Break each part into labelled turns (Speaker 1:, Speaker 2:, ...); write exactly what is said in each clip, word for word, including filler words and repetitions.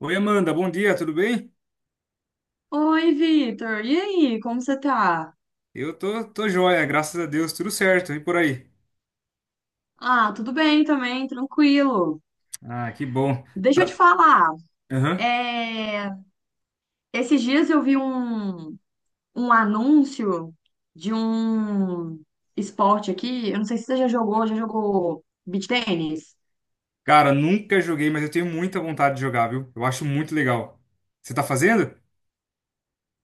Speaker 1: Oi, Amanda, bom dia, tudo bem?
Speaker 2: Oi, Vitor. E aí, como você tá?
Speaker 1: Eu tô, tô joia, graças a Deus, tudo certo, e por aí?
Speaker 2: Ah, tudo bem também, tranquilo.
Speaker 1: Ah, que bom.
Speaker 2: Deixa eu te
Speaker 1: Tá-
Speaker 2: falar.
Speaker 1: Aham.
Speaker 2: é, Esses dias eu vi um, um anúncio de um esporte aqui. Eu não sei se você já jogou, já jogou beach tênis?
Speaker 1: Cara, nunca joguei, mas eu tenho muita vontade de jogar, viu? Eu acho muito legal. Você tá fazendo?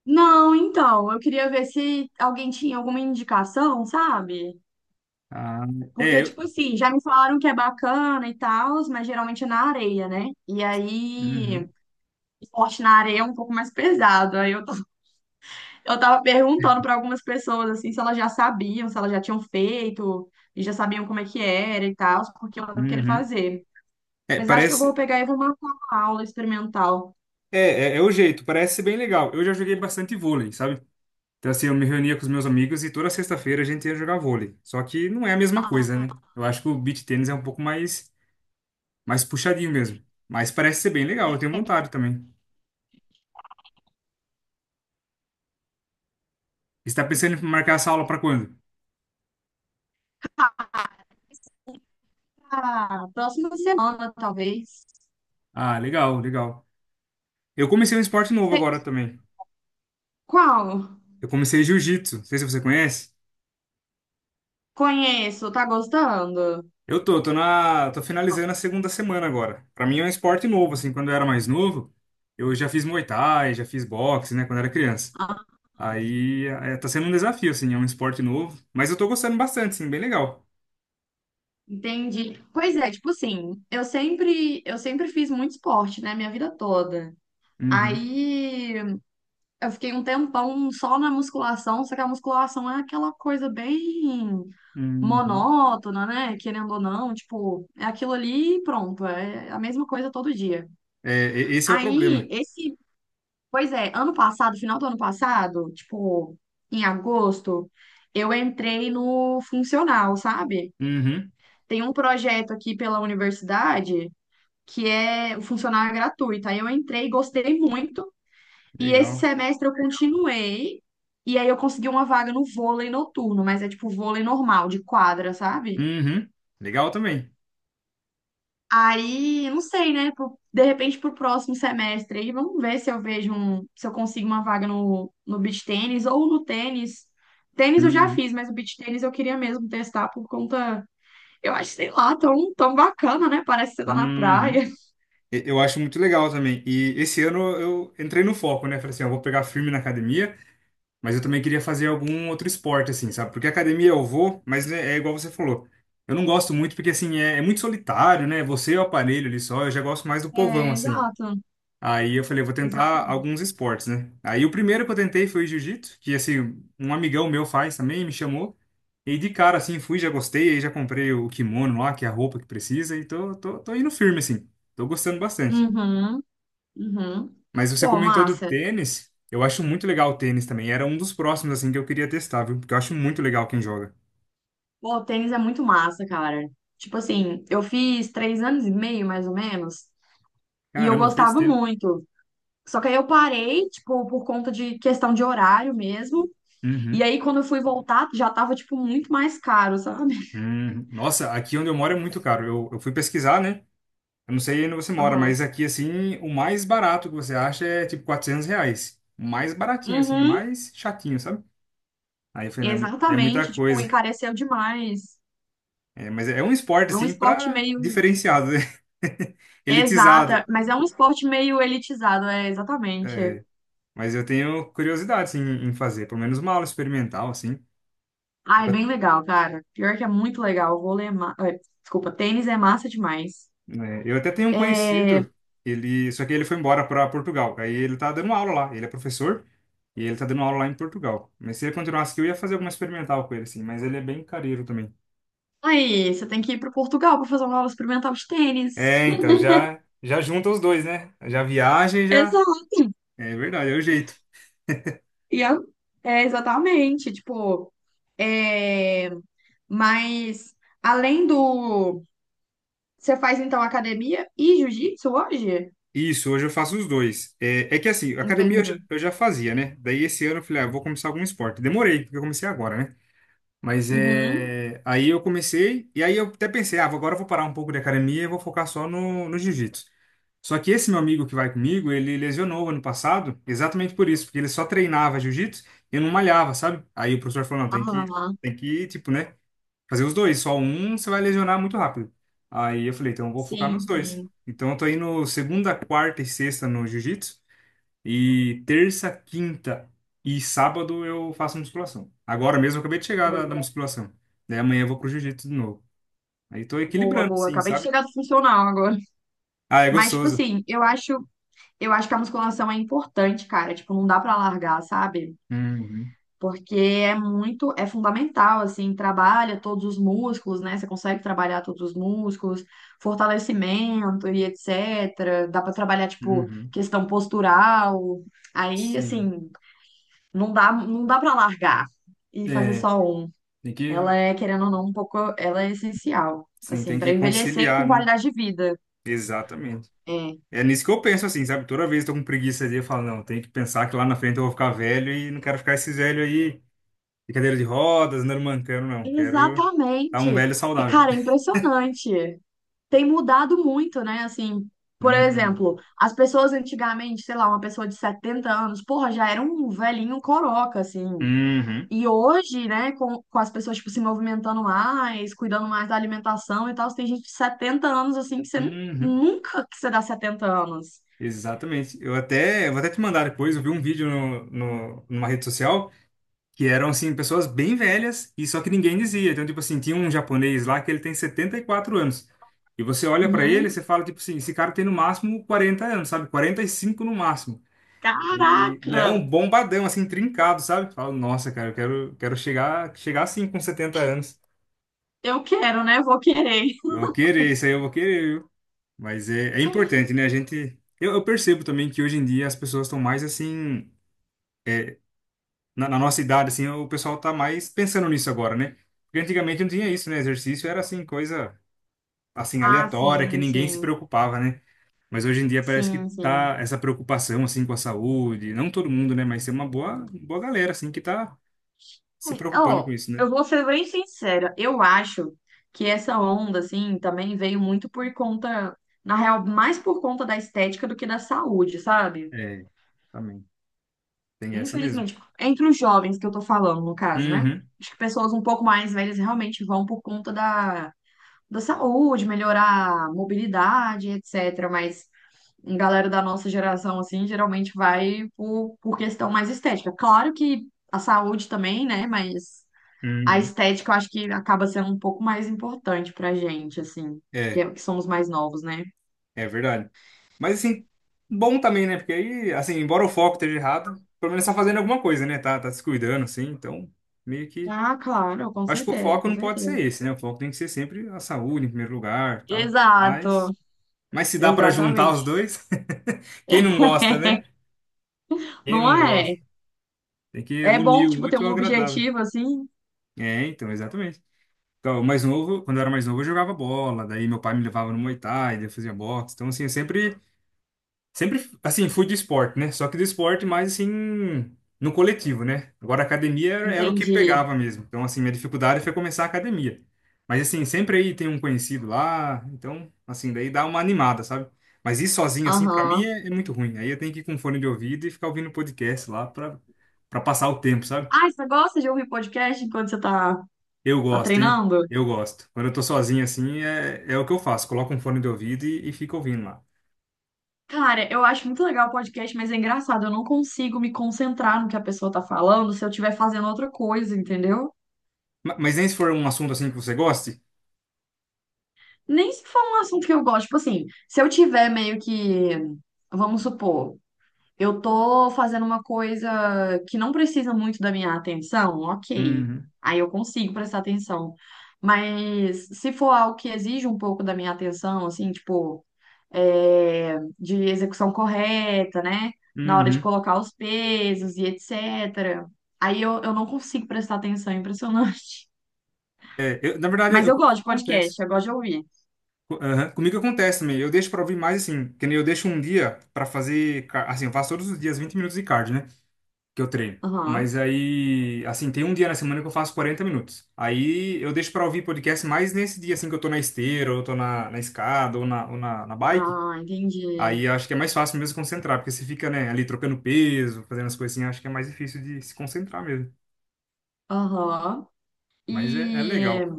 Speaker 2: Não, então, eu queria ver se alguém tinha alguma indicação, sabe?
Speaker 1: Ah,
Speaker 2: Porque,
Speaker 1: é. eu-
Speaker 2: tipo assim, já me falaram que é bacana e tal, mas geralmente é na areia, né? E aí,
Speaker 1: Uhum,
Speaker 2: esporte na areia é um pouco mais pesado. Aí eu tô Eu tava perguntando pra algumas pessoas assim se elas já sabiam, se elas já tinham feito e já sabiam como é que era e tal, porque eu tava querendo
Speaker 1: uhum.
Speaker 2: fazer.
Speaker 1: É,
Speaker 2: Mas acho que eu vou
Speaker 1: parece.
Speaker 2: pegar e vou marcar uma aula experimental.
Speaker 1: É, é, é o jeito, parece ser bem legal. Eu já joguei bastante vôlei, sabe? Então, assim, eu me reunia com os meus amigos e toda sexta-feira a gente ia jogar vôlei. Só que não é a mesma coisa, né? Eu acho que o beach tennis é um pouco mais, mais puxadinho mesmo. Mas parece ser bem legal, eu tenho vontade também. Você está pensando em marcar essa aula para quando?
Speaker 2: Ah, próxima semana, talvez.
Speaker 1: Ah, legal, legal. Eu comecei um esporte novo
Speaker 2: Sei-
Speaker 1: agora também.
Speaker 2: Qual?
Speaker 1: Eu comecei jiu-jitsu. Não sei se você conhece.
Speaker 2: Conheço, tá gostando?
Speaker 1: Eu tô, tô na, tô finalizando a segunda semana agora. Para mim é um esporte novo, assim, quando eu era mais novo, eu já fiz Muay Thai, já fiz boxe, né, quando eu era criança.
Speaker 2: Ah,
Speaker 1: Aí é, tá sendo um desafio, assim, é um esporte novo, mas eu tô gostando bastante, assim, bem legal.
Speaker 2: entendi. Pois é, tipo assim, eu sempre, eu sempre fiz muito esporte, né, minha vida toda.
Speaker 1: Uhum,
Speaker 2: Aí eu fiquei um tempão só na musculação, só que a musculação é aquela coisa bem
Speaker 1: uhum.
Speaker 2: monótona, né? Querendo ou não, tipo, é aquilo ali e pronto, é a mesma coisa todo dia.
Speaker 1: É, e- esse é o problema.
Speaker 2: Aí, esse, pois é, ano passado, final do ano passado, tipo, em agosto, eu entrei no funcional, sabe?
Speaker 1: Uhum,
Speaker 2: Tem um projeto aqui pela universidade que é o funcional é gratuito. Aí eu entrei, gostei muito, e esse
Speaker 1: legal.
Speaker 2: semestre eu continuei. E aí eu consegui uma vaga no vôlei noturno, mas é tipo vôlei normal, de quadra, sabe?
Speaker 1: Uhum, legal também.
Speaker 2: Aí, não sei, né? pro- De repente, pro próximo semestre aí, vamos ver se eu vejo um, se eu consigo uma vaga no, no beach tênis ou no tênis. Tênis eu já
Speaker 1: Uhum,
Speaker 2: fiz, mas o beach tênis eu queria mesmo testar por conta, eu acho, sei lá, tão, tão bacana, né? Parece que você tá na
Speaker 1: uhum.
Speaker 2: praia.
Speaker 1: E- Eu acho muito legal também. E esse ano eu entrei no foco, né? Falei assim, eu vou pegar firme na academia, mas eu também queria fazer algum outro esporte, assim, sabe? Porque academia eu vou, mas é, é igual você falou. Eu não gosto muito porque, assim, é, é muito solitário, né? Você e o aparelho ali só, eu já gosto mais do povão,
Speaker 2: É,
Speaker 1: assim.
Speaker 2: exato,
Speaker 1: Aí eu falei, eu vou tentar
Speaker 2: exatamente.
Speaker 1: alguns esportes, né? Aí o primeiro que eu tentei foi o jiu-jitsu, que, assim, um amigão meu faz também, me chamou. E de cara, assim, fui, já gostei, aí já comprei o kimono lá, que é a roupa que precisa, e tô, tô, tô indo firme, assim. Tô gostando bastante.
Speaker 2: Uhum, uhum.
Speaker 1: Mas você
Speaker 2: Pô,
Speaker 1: comentou do
Speaker 2: massa.
Speaker 1: tênis. Eu acho muito legal o tênis também. Era um dos próximos, assim, que eu queria testar, viu? Porque eu acho muito legal quem joga.
Speaker 2: Pô, o tênis é muito massa, cara. Tipo assim, eu fiz três anos e meio, mais ou menos, e eu
Speaker 1: Caramba, fez
Speaker 2: gostava
Speaker 1: tempo.
Speaker 2: muito. Só que aí eu parei, tipo, por conta de questão de horário mesmo. E
Speaker 1: Uhum.
Speaker 2: aí, quando eu fui voltar, já tava, tipo, muito mais caro, sabe?
Speaker 1: Uhum. Nossa, aqui onde eu moro é muito caro. Eu, eu fui pesquisar, né? Eu não sei onde você mora,
Speaker 2: Aham.
Speaker 1: mas aqui, assim, o mais barato que você acha é tipo quatrocentos reais. O mais baratinho, assim, o
Speaker 2: Uhum,
Speaker 1: mais chatinho, sabe? Aí eu falei, não, é mu- é muita
Speaker 2: exatamente. Tipo,
Speaker 1: coisa.
Speaker 2: encareceu demais.
Speaker 1: É, mas é um esporte,
Speaker 2: É um
Speaker 1: assim,
Speaker 2: esporte
Speaker 1: pra
Speaker 2: meio.
Speaker 1: diferenciado, né?
Speaker 2: Exata,
Speaker 1: Elitizado.
Speaker 2: mas é um esporte meio elitizado, é, exatamente.
Speaker 1: É. Mas eu tenho curiosidade, assim, em em fazer, pelo menos uma aula experimental, assim.
Speaker 2: Ah, é
Speaker 1: Eu,
Speaker 2: bem legal, cara. Pior que é muito legal. Vôlei é ma... eh, Desculpa, tênis é massa demais.
Speaker 1: né, eu até tenho um
Speaker 2: É,
Speaker 1: conhecido, ele, só que ele foi embora para Portugal. Aí ele tá dando aula lá, ele é professor e ele tá dando aula lá em Portugal. Mas se ele continuasse aqui, eu ia fazer alguma experimental com ele, assim, mas ele é bem careiro também.
Speaker 2: Aí, você tem que ir pro Portugal pra fazer uma aula experimental de tênis.
Speaker 1: É, então, já, já junta os dois, né? Já viaja e já...
Speaker 2: Exato.
Speaker 1: É verdade, é o jeito.
Speaker 2: E a- é, exatamente, tipo, é, mas além do. Você faz então academia e jiu-jitsu hoje?
Speaker 1: Isso, hoje eu faço os dois. É, é que assim, academia eu
Speaker 2: Entendi.
Speaker 1: já, eu já fazia, né? Daí esse ano eu falei, ah, eu vou começar algum esporte. Demorei, porque eu comecei agora, né? Mas
Speaker 2: Uhum.
Speaker 1: é. Aí eu comecei, e aí eu até pensei, ah, vou- agora eu vou parar um pouco de academia e vou focar só no, no jiu-jitsu. Só que esse meu amigo que vai comigo, ele lesionou ano passado, exatamente por isso, porque ele só treinava jiu-jitsu e não malhava, sabe? Aí o professor falou, não, tem que,
Speaker 2: Ah,
Speaker 1: tem que, tipo, né, fazer os dois, só um você vai lesionar muito rápido. Aí eu falei, então eu vou focar nos
Speaker 2: sim,
Speaker 1: dois.
Speaker 2: sim.
Speaker 1: Então eu tô indo segunda, quarta e sexta no jiu-jitsu e terça, quinta e sábado eu faço musculação. Agora mesmo eu acabei de chegar da, da
Speaker 2: Boa,
Speaker 1: musculação. Daí amanhã eu vou pro jiu-jitsu de novo. Aí tô
Speaker 2: boa,
Speaker 1: equilibrando,
Speaker 2: boa.
Speaker 1: assim,
Speaker 2: Acabei de
Speaker 1: sabe?
Speaker 2: chegar do funcional agora.
Speaker 1: Ah, é
Speaker 2: Mas, tipo
Speaker 1: gostoso.
Speaker 2: assim, eu acho, eu acho que a musculação é importante, cara. Tipo, não dá pra largar, sabe?
Speaker 1: Uhum,
Speaker 2: Porque é muito, é fundamental, assim, trabalha todos os músculos, né? Você consegue trabalhar todos os músculos, fortalecimento e etcétera. Dá para trabalhar, tipo,
Speaker 1: uhum.
Speaker 2: questão postural. Aí,
Speaker 1: Sim.
Speaker 2: assim, não dá, não dá para largar e fazer
Speaker 1: É,
Speaker 2: só um.
Speaker 1: tem que,
Speaker 2: Ela é, querendo ou não, um pouco, ela é essencial,
Speaker 1: sim,
Speaker 2: assim,
Speaker 1: tem
Speaker 2: para
Speaker 1: que
Speaker 2: envelhecer com
Speaker 1: conciliar, né?
Speaker 2: qualidade de vida.
Speaker 1: Exatamente.
Speaker 2: É.
Speaker 1: É nisso que eu penso, assim, sabe? Toda vez que eu tô com preguiça ali, eu falo, não, tem que pensar que lá na frente eu vou ficar velho e não quero ficar esses velho aí de cadeira de rodas, andando mancando, não. Quero estar um
Speaker 2: Exatamente.
Speaker 1: velho
Speaker 2: E,
Speaker 1: saudável.
Speaker 2: cara, é impressionante. Tem mudado muito, né? Assim, por
Speaker 1: Uhum.
Speaker 2: exemplo, as pessoas antigamente, sei lá, uma pessoa de setenta anos, porra, já era um velhinho coroca, assim.
Speaker 1: Uhum.
Speaker 2: E hoje, né, com, com as pessoas, tipo, se movimentando mais, cuidando mais da alimentação e tal, tem gente de setenta anos, assim, que você nu-
Speaker 1: Uhum,
Speaker 2: nunca que você dá setenta anos.
Speaker 1: exatamente. Eu até, eu vou até te mandar depois. Eu vi um vídeo no, no- numa rede social que eram, assim, pessoas bem velhas e só que ninguém dizia. Então, tipo assim, tinha um japonês lá que ele tem setenta e quatro anos. E você olha pra ele e
Speaker 2: Uhum.
Speaker 1: você fala, tipo assim, esse cara tem no máximo quarenta anos, sabe? Quarenta e cinco no máximo.
Speaker 2: Caraca!
Speaker 1: E não, bombadão, assim, trincado, sabe? Fala, nossa, cara, eu quero, quero chegar, chegar assim com setenta anos.
Speaker 2: Eu quero, né? Vou querer.
Speaker 1: Vou querer, isso aí eu vou querer. Mas é, é importante, né? A gente. Eu, eu percebo também que hoje em dia as pessoas estão mais assim. Na, na nossa idade, assim, o pessoal tá mais pensando nisso agora, né? Porque antigamente não tinha isso, né? Exercício era assim, coisa assim,
Speaker 2: Ah,
Speaker 1: aleatória, que
Speaker 2: sim,
Speaker 1: ninguém se
Speaker 2: sim.
Speaker 1: preocupava, né? Mas hoje em dia parece que
Speaker 2: Sim, sim.
Speaker 1: tá essa preocupação, assim, com a saúde. Não todo mundo, né? Mas tem uma boa, boa galera, assim, que tá se
Speaker 2: É,
Speaker 1: preocupando
Speaker 2: ó,
Speaker 1: com isso, né?
Speaker 2: eu vou ser bem sincera, eu acho que essa onda, assim, também veio muito por conta, na real, mais por conta da estética do que da saúde, sabe?
Speaker 1: É, também. Tem essa mesmo.
Speaker 2: Infelizmente, entre os jovens que eu tô falando, no caso, né?
Speaker 1: Uhum,
Speaker 2: Acho que pessoas um pouco mais velhas realmente vão por conta da, da saúde, melhorar a mobilidade, etcétera. Mas a galera da nossa geração, assim, geralmente vai por, por questão mais estética. Claro que a saúde também, né? Mas. A
Speaker 1: uhum.
Speaker 2: estética eu acho que acaba sendo um pouco mais importante pra gente, assim, que,
Speaker 1: É.
Speaker 2: é- que somos mais novos, né?
Speaker 1: É verdade. Mas assim, bom também, né? Porque aí, assim, embora o foco esteja errado, pelo menos tá fazendo alguma coisa, né? Tá, tá se cuidando, assim, então meio que.
Speaker 2: Ah, claro, com
Speaker 1: Acho que o
Speaker 2: certeza,
Speaker 1: foco
Speaker 2: com
Speaker 1: não pode ser
Speaker 2: certeza.
Speaker 1: esse, né? O foco tem que ser sempre a saúde em primeiro lugar, tal.
Speaker 2: Exato,
Speaker 1: Mas, mas se dá pra juntar os
Speaker 2: exatamente.
Speaker 1: dois, quem não gosta, né? Quem
Speaker 2: Não
Speaker 1: não gosta?
Speaker 2: é?
Speaker 1: Tem que
Speaker 2: É bom,
Speaker 1: unir o
Speaker 2: tipo, ter
Speaker 1: útil
Speaker 2: um
Speaker 1: ao agradável.
Speaker 2: objetivo, assim.
Speaker 1: É, então, exatamente. Então, o mais novo, quando eu era mais novo, eu jogava bola, daí meu pai me levava no Muay Thai, daí eu fazia boxe. Então, assim, eu sempre Sempre, assim, fui do esporte, né? Só que do esporte mais, assim, no coletivo, né? Agora, a academia era, era o que
Speaker 2: Entendi.
Speaker 1: pegava mesmo. Então, assim, minha dificuldade foi começar a academia. Mas, assim, sempre aí tem um conhecido lá. Então, assim, daí dá uma animada, sabe? Mas ir sozinho, assim, pra mim
Speaker 2: Aham.
Speaker 1: é, é muito ruim. Aí eu tenho que ir com fone de ouvido e ficar ouvindo podcast lá pra, pra passar o tempo, sabe?
Speaker 2: Ah, você gosta de ouvir podcast enquanto você tá,
Speaker 1: Eu
Speaker 2: tá
Speaker 1: gosto, hein?
Speaker 2: treinando?
Speaker 1: Eu gosto. Quando eu tô sozinho, assim, é, é o que eu faço. Coloco um fone de ouvido e, e fico ouvindo lá.
Speaker 2: Cara, eu acho muito legal o podcast, mas é engraçado, eu não consigo me concentrar no que a pessoa tá falando se eu estiver fazendo outra coisa, entendeu?
Speaker 1: Ma- Mas nem se for um assunto, assim, que você goste.
Speaker 2: Nem se for um assunto que eu gosto, tipo assim, se eu tiver meio que, vamos supor, eu tô fazendo uma coisa que não precisa muito da minha atenção, ok.
Speaker 1: Uhum.
Speaker 2: Aí eu consigo prestar atenção. Mas se for algo que exige um pouco da minha atenção, assim, tipo, é, de execução correta, né? Na hora de
Speaker 1: Uhum.
Speaker 2: colocar os pesos e etcétera. Aí eu, eu não consigo prestar atenção, é impressionante.
Speaker 1: É, eu- na verdade,
Speaker 2: Mas
Speaker 1: eu,
Speaker 2: eu gosto de
Speaker 1: acontece.
Speaker 2: podcast, eu gosto de ouvir.
Speaker 1: Co- aham, Comigo acontece também. Eu deixo pra ouvir mais assim, que nem eu deixo um dia pra fazer, ca- assim, eu faço todos os dias vinte minutos de cardio, né, que eu treino.
Speaker 2: Aham.
Speaker 1: Mas aí, assim, tem um dia na semana que eu faço quarenta minutos. Aí eu deixo pra ouvir podcast mais nesse dia assim que eu tô na esteira, ou eu tô na, na escada, ou na, ou na, na bike.
Speaker 2: Ah, entendi.
Speaker 1: Aí eu acho que é mais fácil mesmo concentrar, porque você fica, né, ali trocando peso, fazendo as coisinhas, acho que é mais difícil de se concentrar mesmo.
Speaker 2: Aham.
Speaker 1: Mas é, é
Speaker 2: E,
Speaker 1: legal.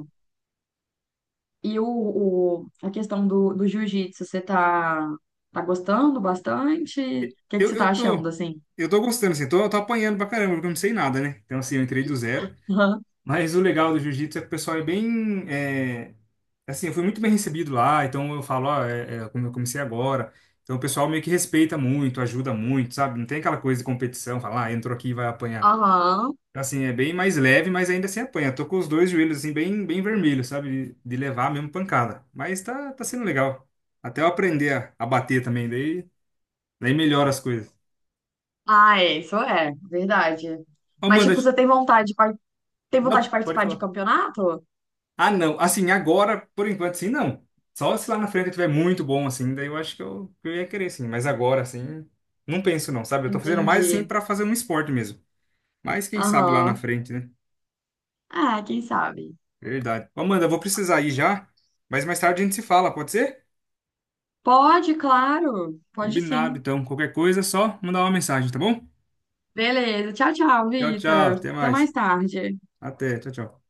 Speaker 2: e o, o- a questão do, do jiu-jitsu, você tá, tá gostando bastante? O que que
Speaker 1: Eu,
Speaker 2: você tá
Speaker 1: eu
Speaker 2: achando,
Speaker 1: tô,
Speaker 2: assim?
Speaker 1: eu tô gostando, assim, tô, eu tô apanhando pra caramba, porque eu não sei nada, né? Então, assim, eu entrei do zero.
Speaker 2: Aham.
Speaker 1: Mas o legal do jiu-jitsu é que o pessoal é bem, é, assim, eu fui muito bem recebido lá, então eu falo, ó, é, é, como eu comecei agora. Então o pessoal meio que respeita muito, ajuda muito, sabe? Não tem aquela coisa de competição, falar, ah, entrou aqui e vai apanhar.
Speaker 2: Aham.
Speaker 1: Então, assim, é bem mais leve, mas ainda assim apanha. Tô com os dois joelhos, assim, bem, bem vermelhos, sabe? De, de levar mesmo pancada. Mas tá, tá sendo legal. Até eu aprender a, a bater também, daí, daí melhora as coisas.
Speaker 2: Ah, é, isso é, verdade. Mas,
Speaker 1: Amanda,
Speaker 2: tipo, você tem vontade de, par- tem vontade
Speaker 1: Não,
Speaker 2: de
Speaker 1: pode
Speaker 2: participar de
Speaker 1: falar.
Speaker 2: campeonato?
Speaker 1: Ah, não. Assim, agora, por enquanto, sim, não. Só se lá na frente eu tiver muito bom, assim, daí eu acho que eu, que eu ia querer, sim. Mas agora, assim, não penso, não, sabe? Eu tô fazendo mais, assim,
Speaker 2: Entendi.
Speaker 1: pra fazer um esporte mesmo. Mas quem sabe lá na
Speaker 2: Aham.
Speaker 1: frente, né?
Speaker 2: Ah, quem sabe?
Speaker 1: Verdade. Ô, Amanda, eu vou precisar ir já, mas mais tarde a gente se fala, pode ser?
Speaker 2: Pode, claro. Pode
Speaker 1: Combinado,
Speaker 2: sim.
Speaker 1: então. Qualquer coisa, é só mandar uma mensagem, tá bom?
Speaker 2: Beleza. Tchau, tchau,
Speaker 1: Tchau, tchau.
Speaker 2: Vitor.
Speaker 1: Até
Speaker 2: Até
Speaker 1: mais.
Speaker 2: mais tarde.
Speaker 1: Até. Tchau, tchau.